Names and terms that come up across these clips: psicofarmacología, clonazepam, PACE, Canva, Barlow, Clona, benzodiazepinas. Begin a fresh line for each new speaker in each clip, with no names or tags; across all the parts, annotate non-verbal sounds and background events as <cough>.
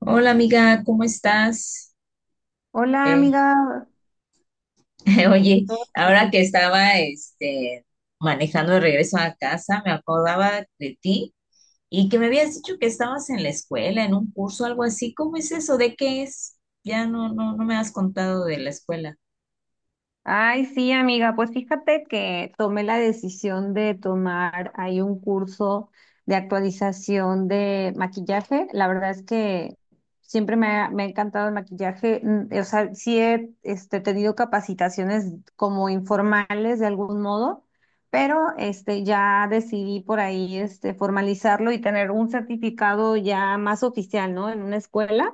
Hola amiga, ¿cómo estás?
Hola
Eh,
amiga.
<laughs> oye,
¿Todo
ahora que
bien?
estaba manejando de regreso a casa, me acordaba de ti y que me habías dicho que estabas en la escuela, en un curso, algo así. ¿Cómo es eso? ¿De qué es? Ya no me has contado de la escuela.
Ay, sí, amiga, pues fíjate que tomé la decisión de tomar ahí un curso de actualización de maquillaje. La verdad es que siempre me ha encantado el maquillaje. O sea, sí he tenido capacitaciones como informales de algún modo, pero ya decidí por ahí formalizarlo y tener un certificado ya más oficial, ¿no? En una escuela.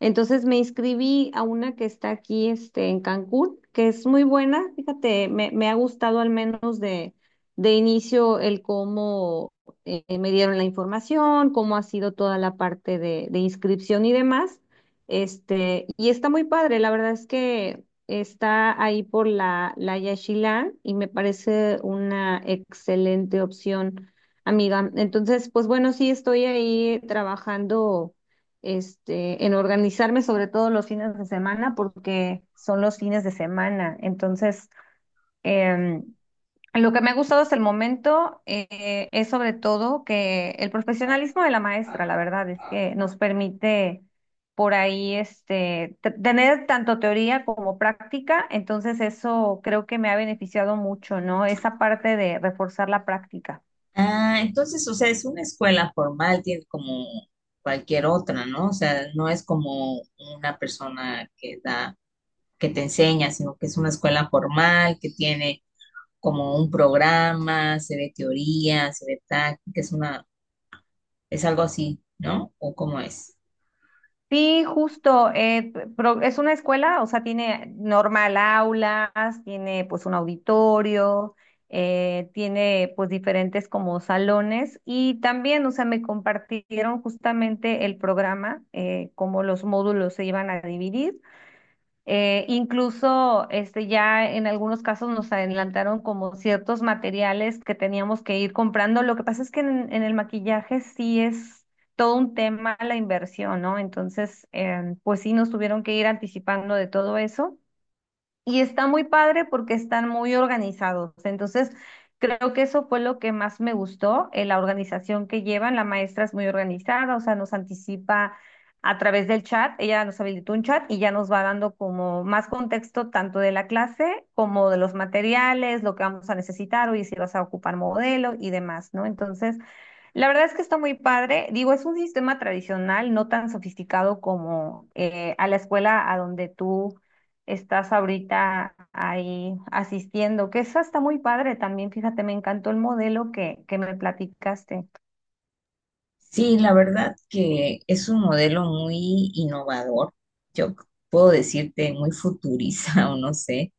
Entonces me inscribí a una que está aquí, este, en Cancún, que es muy buena. Fíjate, me ha gustado al menos de inicio el cómo me dieron la información, cómo ha sido toda la parte de inscripción y demás. Y está muy padre, la verdad es que está ahí por la Yaxchilán y me parece una excelente opción, amiga. Entonces, pues bueno, sí estoy ahí trabajando en organizarme sobre todo los fines de semana porque son los fines de semana. Entonces, em, lo que me ha gustado hasta el momento es sobre todo que el profesionalismo de la maestra, la verdad, es que nos permite por ahí tener tanto teoría como práctica. Entonces, eso creo que me ha beneficiado mucho, ¿no? Esa parte de reforzar la práctica.
Ah, entonces, o sea, es una escuela formal, tiene como cualquier otra, ¿no? O sea, no es como una persona que da, que te enseña, sino que es una escuela formal que tiene como un programa, se ve teoría, se ve táctica, es algo así, ¿no? ¿O cómo es?
Sí, justo. Es una escuela, o sea, tiene normal aulas, tiene pues un auditorio, tiene pues diferentes como salones y también, o sea, me compartieron justamente el programa, cómo los módulos se iban a dividir. Incluso ya en algunos casos nos adelantaron como ciertos materiales que teníamos que ir comprando. Lo que pasa es que en el maquillaje sí es todo un tema la inversión, ¿no? Entonces, pues sí nos tuvieron que ir anticipando de todo eso. Y está muy padre porque están muy organizados. Entonces, creo que eso fue lo que más me gustó, la organización que llevan. La maestra es muy organizada, o sea, nos anticipa a través del chat. Ella nos habilitó un chat y ya nos va dando como más contexto tanto de la clase como de los materiales, lo que vamos a necesitar, o si vas a ocupar modelo y demás, ¿no? Entonces, la verdad es que está muy padre. Digo, es un sistema tradicional, no tan sofisticado como a la escuela a donde tú estás ahorita ahí asistiendo, que eso está muy padre también, fíjate, me encantó el modelo que me platicaste.
Sí, la verdad que es un modelo muy innovador, yo c- puedo decirte muy futurista <laughs> o no sé,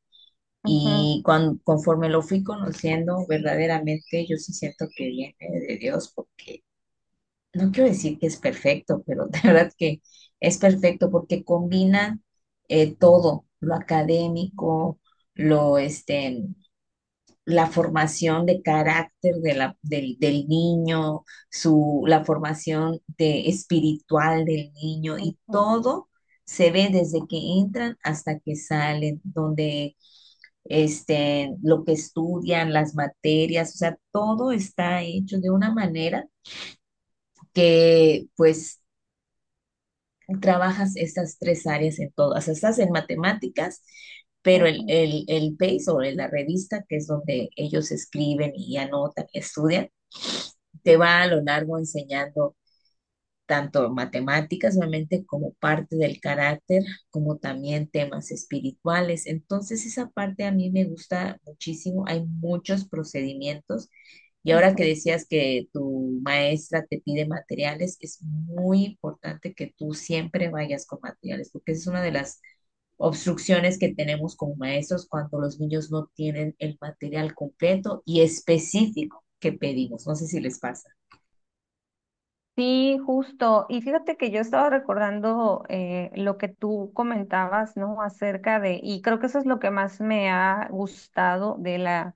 Ujú,
y conforme lo fui conociendo, verdaderamente yo sí siento que viene de Dios, porque no quiero decir que es perfecto, pero <laughs> de verdad que es perfecto porque combina todo, lo académico, lo este, la formación de carácter de del niño, su, la formación de, espiritual del niño y
ujú,
todo se ve desde que entran hasta que salen, donde lo que estudian, las materias, o sea, todo está hecho de una manera que pues trabajas estas tres áreas en todas, o sea, estás en matemáticas, pero el,
ujú,
el, el PACE o la revista, que es donde ellos escriben y anotan y estudian, te va a lo largo enseñando tanto matemáticas, obviamente, como parte del carácter, como también temas espirituales. Entonces, esa parte a mí me gusta muchísimo. Hay muchos procedimientos. Y ahora que
ujú.
decías que tu maestra te pide materiales, es muy importante que tú siempre vayas con materiales, porque esa es una de las obstrucciones que tenemos como maestros cuando los niños no tienen el material completo y específico que pedimos. No sé si les pasa.
Sí, justo. Y fíjate que yo estaba recordando lo que tú comentabas, ¿no? Acerca de, y creo que eso es lo que más me ha gustado de la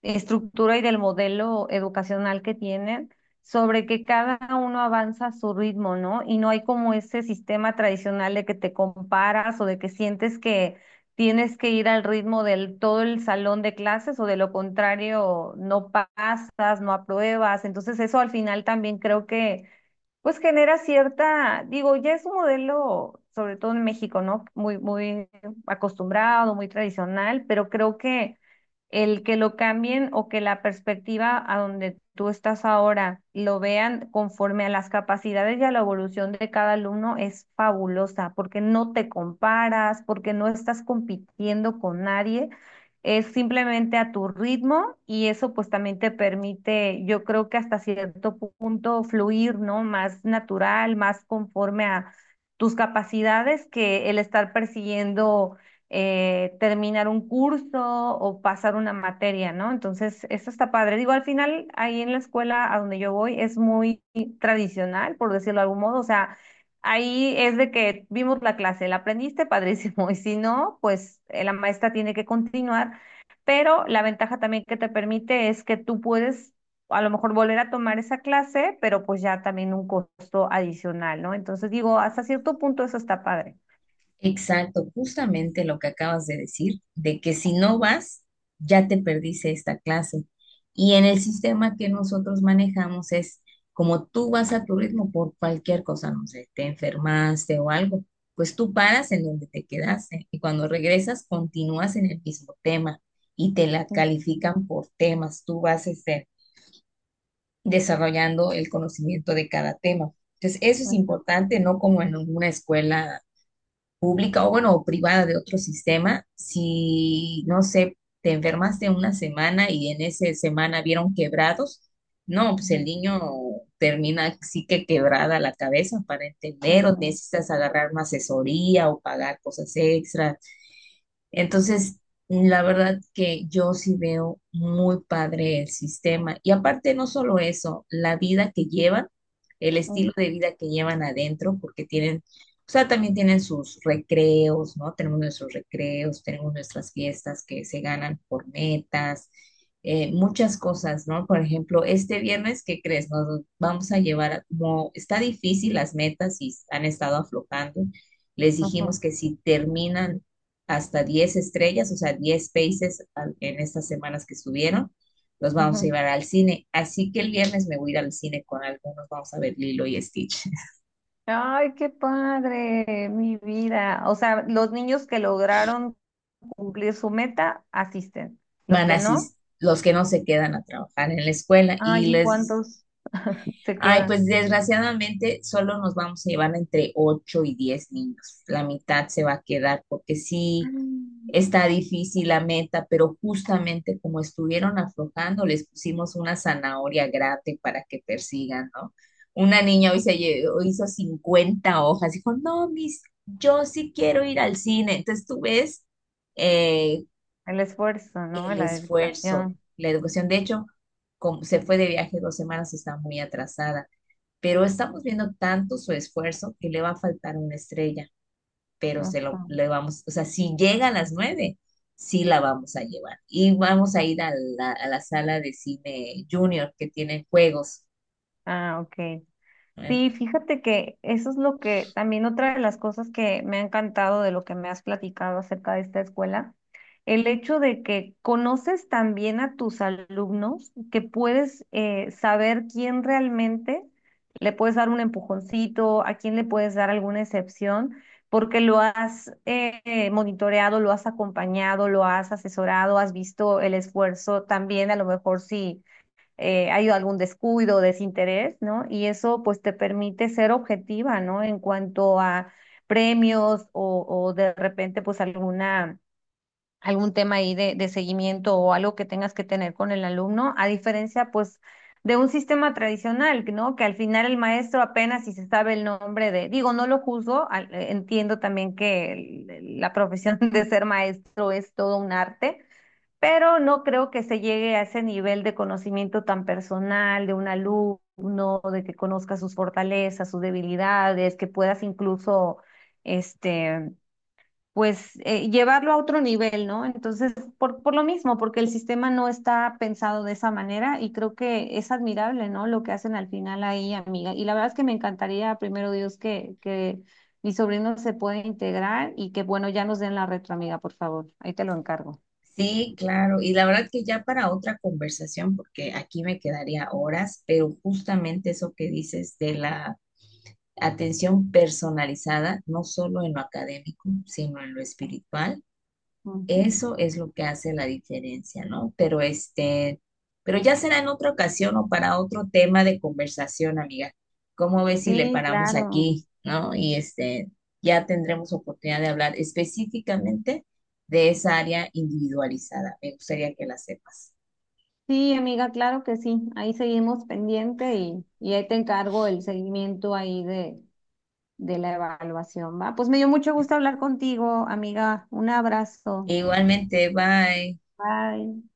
estructura y del modelo educacional que tienen, sobre que cada uno avanza a su ritmo, ¿no? Y no hay como ese sistema tradicional de que te comparas o de que sientes que tienes que ir al ritmo del todo el salón de clases o de lo contrario no pasas, no apruebas. Entonces eso al final también creo que pues genera cierta, digo, ya es un modelo, sobre todo en México, ¿no? Muy, muy acostumbrado, muy tradicional, pero creo que el que lo cambien o que la perspectiva a donde tú estás ahora lo vean conforme a las capacidades y a la evolución de cada alumno es fabulosa, porque no te comparas, porque no estás compitiendo con nadie, es simplemente a tu ritmo y eso pues también te permite, yo creo que hasta cierto punto fluir, ¿no? Más natural, más conforme a tus capacidades que el estar persiguiendo terminar un curso o pasar una materia, ¿no? Entonces, esto está padre. Digo, al final, ahí en la escuela a donde yo voy es muy tradicional, por decirlo de algún modo. O sea, ahí es de que vimos la clase, la aprendiste, <laughs> padrísimo. Y si no, pues la maestra tiene que continuar. Pero la ventaja también que te permite es que tú puedes... A lo mejor volver a tomar esa clase, pero pues ya también un costo adicional, ¿no? Entonces digo, hasta cierto punto eso está padre.
Exacto, justamente lo que acabas de decir, de que si no vas, ya te perdiste esta clase. Y en el sistema que nosotros manejamos es como tú vas a tu ritmo por cualquier cosa, no sé, te enfermaste o algo, pues tú paras en donde te quedaste y cuando regresas continúas en el mismo tema y te la
Ujú,
califican por temas, tú vas desarrollando el conocimiento de cada tema. Entonces, eso es
ujú,
importante, no como en una escuela pública o bueno, o privada de otro sistema, si no sé, te enfermaste una semana y en esa semana vieron quebrados, no, pues el
ujú.
niño termina sí que quebrada la cabeza para entender o
Ujú,
necesitas agarrar una asesoría o pagar cosas extras, entonces, la verdad que yo sí veo muy padre el sistema. Y aparte, no solo eso, la vida que llevan, el estilo de
ujú,
vida que llevan adentro, porque tienen, o sea, también tienen sus recreos, ¿no? Tenemos nuestros recreos, tenemos nuestras fiestas que se ganan por metas, muchas cosas, ¿no? Por ejemplo, este viernes, ¿qué crees? Nos vamos a llevar, como está difícil las metas y han estado aflojando. Les
ujú,
dijimos que si terminan hasta 10 estrellas, o sea, 10 países en estas semanas que estuvieron. Los vamos a
ujú.
llevar al cine. Así que el viernes me voy a ir al cine con algunos. Vamos a ver Lilo y Stitch. <laughs>
Ay, qué padre, mi vida. O sea, los niños que lograron cumplir su meta asisten. Los
Van a
que no,
asistir los que no se quedan a trabajar en la escuela
ay,
y
¿y
les...
cuántos se
Ay,
quedan?
pues desgraciadamente solo nos vamos a llevar entre 8 y 10 niños. La mitad se va a quedar porque sí.
Mm.
Está difícil la meta, pero justamente como estuvieron aflojando, les pusimos una zanahoria grande para que persigan, ¿no? Una niña hoy hizo 50 hojas, dijo, no, mis, yo sí quiero ir al cine. Entonces tú ves eh,
El esfuerzo, ¿no?
el
La
esfuerzo,
dedicación.
la educación. De hecho, como se fue de viaje 2 semanas, está muy atrasada, pero estamos viendo tanto su esfuerzo que le va a faltar una estrella, pero se lo
Ujú.
le vamos, o sea, si llega a las nueve, sí la vamos a llevar. Y vamos a ir a la sala de cine junior que tiene juegos.
Ah, ok.
¿No?
Sí, fíjate que eso es lo que también otra de las cosas que me ha encantado de lo que me has platicado acerca de esta escuela, el hecho de que conoces también a tus alumnos, que puedes saber quién realmente le puedes dar un empujoncito, a quién le puedes dar alguna excepción, porque lo has monitoreado, lo has acompañado, lo has asesorado, has visto el esfuerzo también, a lo mejor sí hay algún descuido, desinterés, ¿no? Y eso pues te permite ser objetiva, ¿no? En cuanto a premios o de repente pues alguna, algún tema ahí de seguimiento o algo que tengas que tener con el alumno, a diferencia pues de un sistema tradicional, ¿no? Que al final el maestro apenas si se sabe el nombre de, digo, no lo juzgo, entiendo también que la profesión <laughs> de ser maestro es todo un arte pero no creo que se llegue a ese nivel de conocimiento tan personal de un alumno, de que conozca sus fortalezas, sus debilidades, que puedas incluso, este, pues, llevarlo a otro nivel, ¿no? Entonces, por lo mismo, porque el sistema no está pensado de esa manera y creo que es admirable, ¿no? Lo que hacen al final ahí, amiga. Y la verdad es que me encantaría, primero Dios, que mi sobrino se pueda integrar y que bueno, ya nos den la retro, amiga, por favor. Ahí te lo encargo.
Sí, claro. Y la verdad que ya para otra conversación, porque aquí me quedaría horas, pero justamente eso que dices de la atención personalizada, no solo en lo académico, sino en lo espiritual.
Ujú.
Eso es lo que hace la diferencia, ¿no? Pero pero ya será en otra ocasión o para otro tema de conversación, amiga. ¿Cómo ves si le
Sí,
paramos
claro.
aquí, ¿no? Y ya tendremos oportunidad de hablar específicamente de esa área individualizada. Me gustaría que la sepas.
Sí, amiga, claro que sí. Ahí seguimos pendiente y ahí te encargo el seguimiento ahí de la evaluación, ¿va? Pues me dio mucho gusto hablar contigo, amiga. Un abrazo.
Igualmente, bye.
Bye.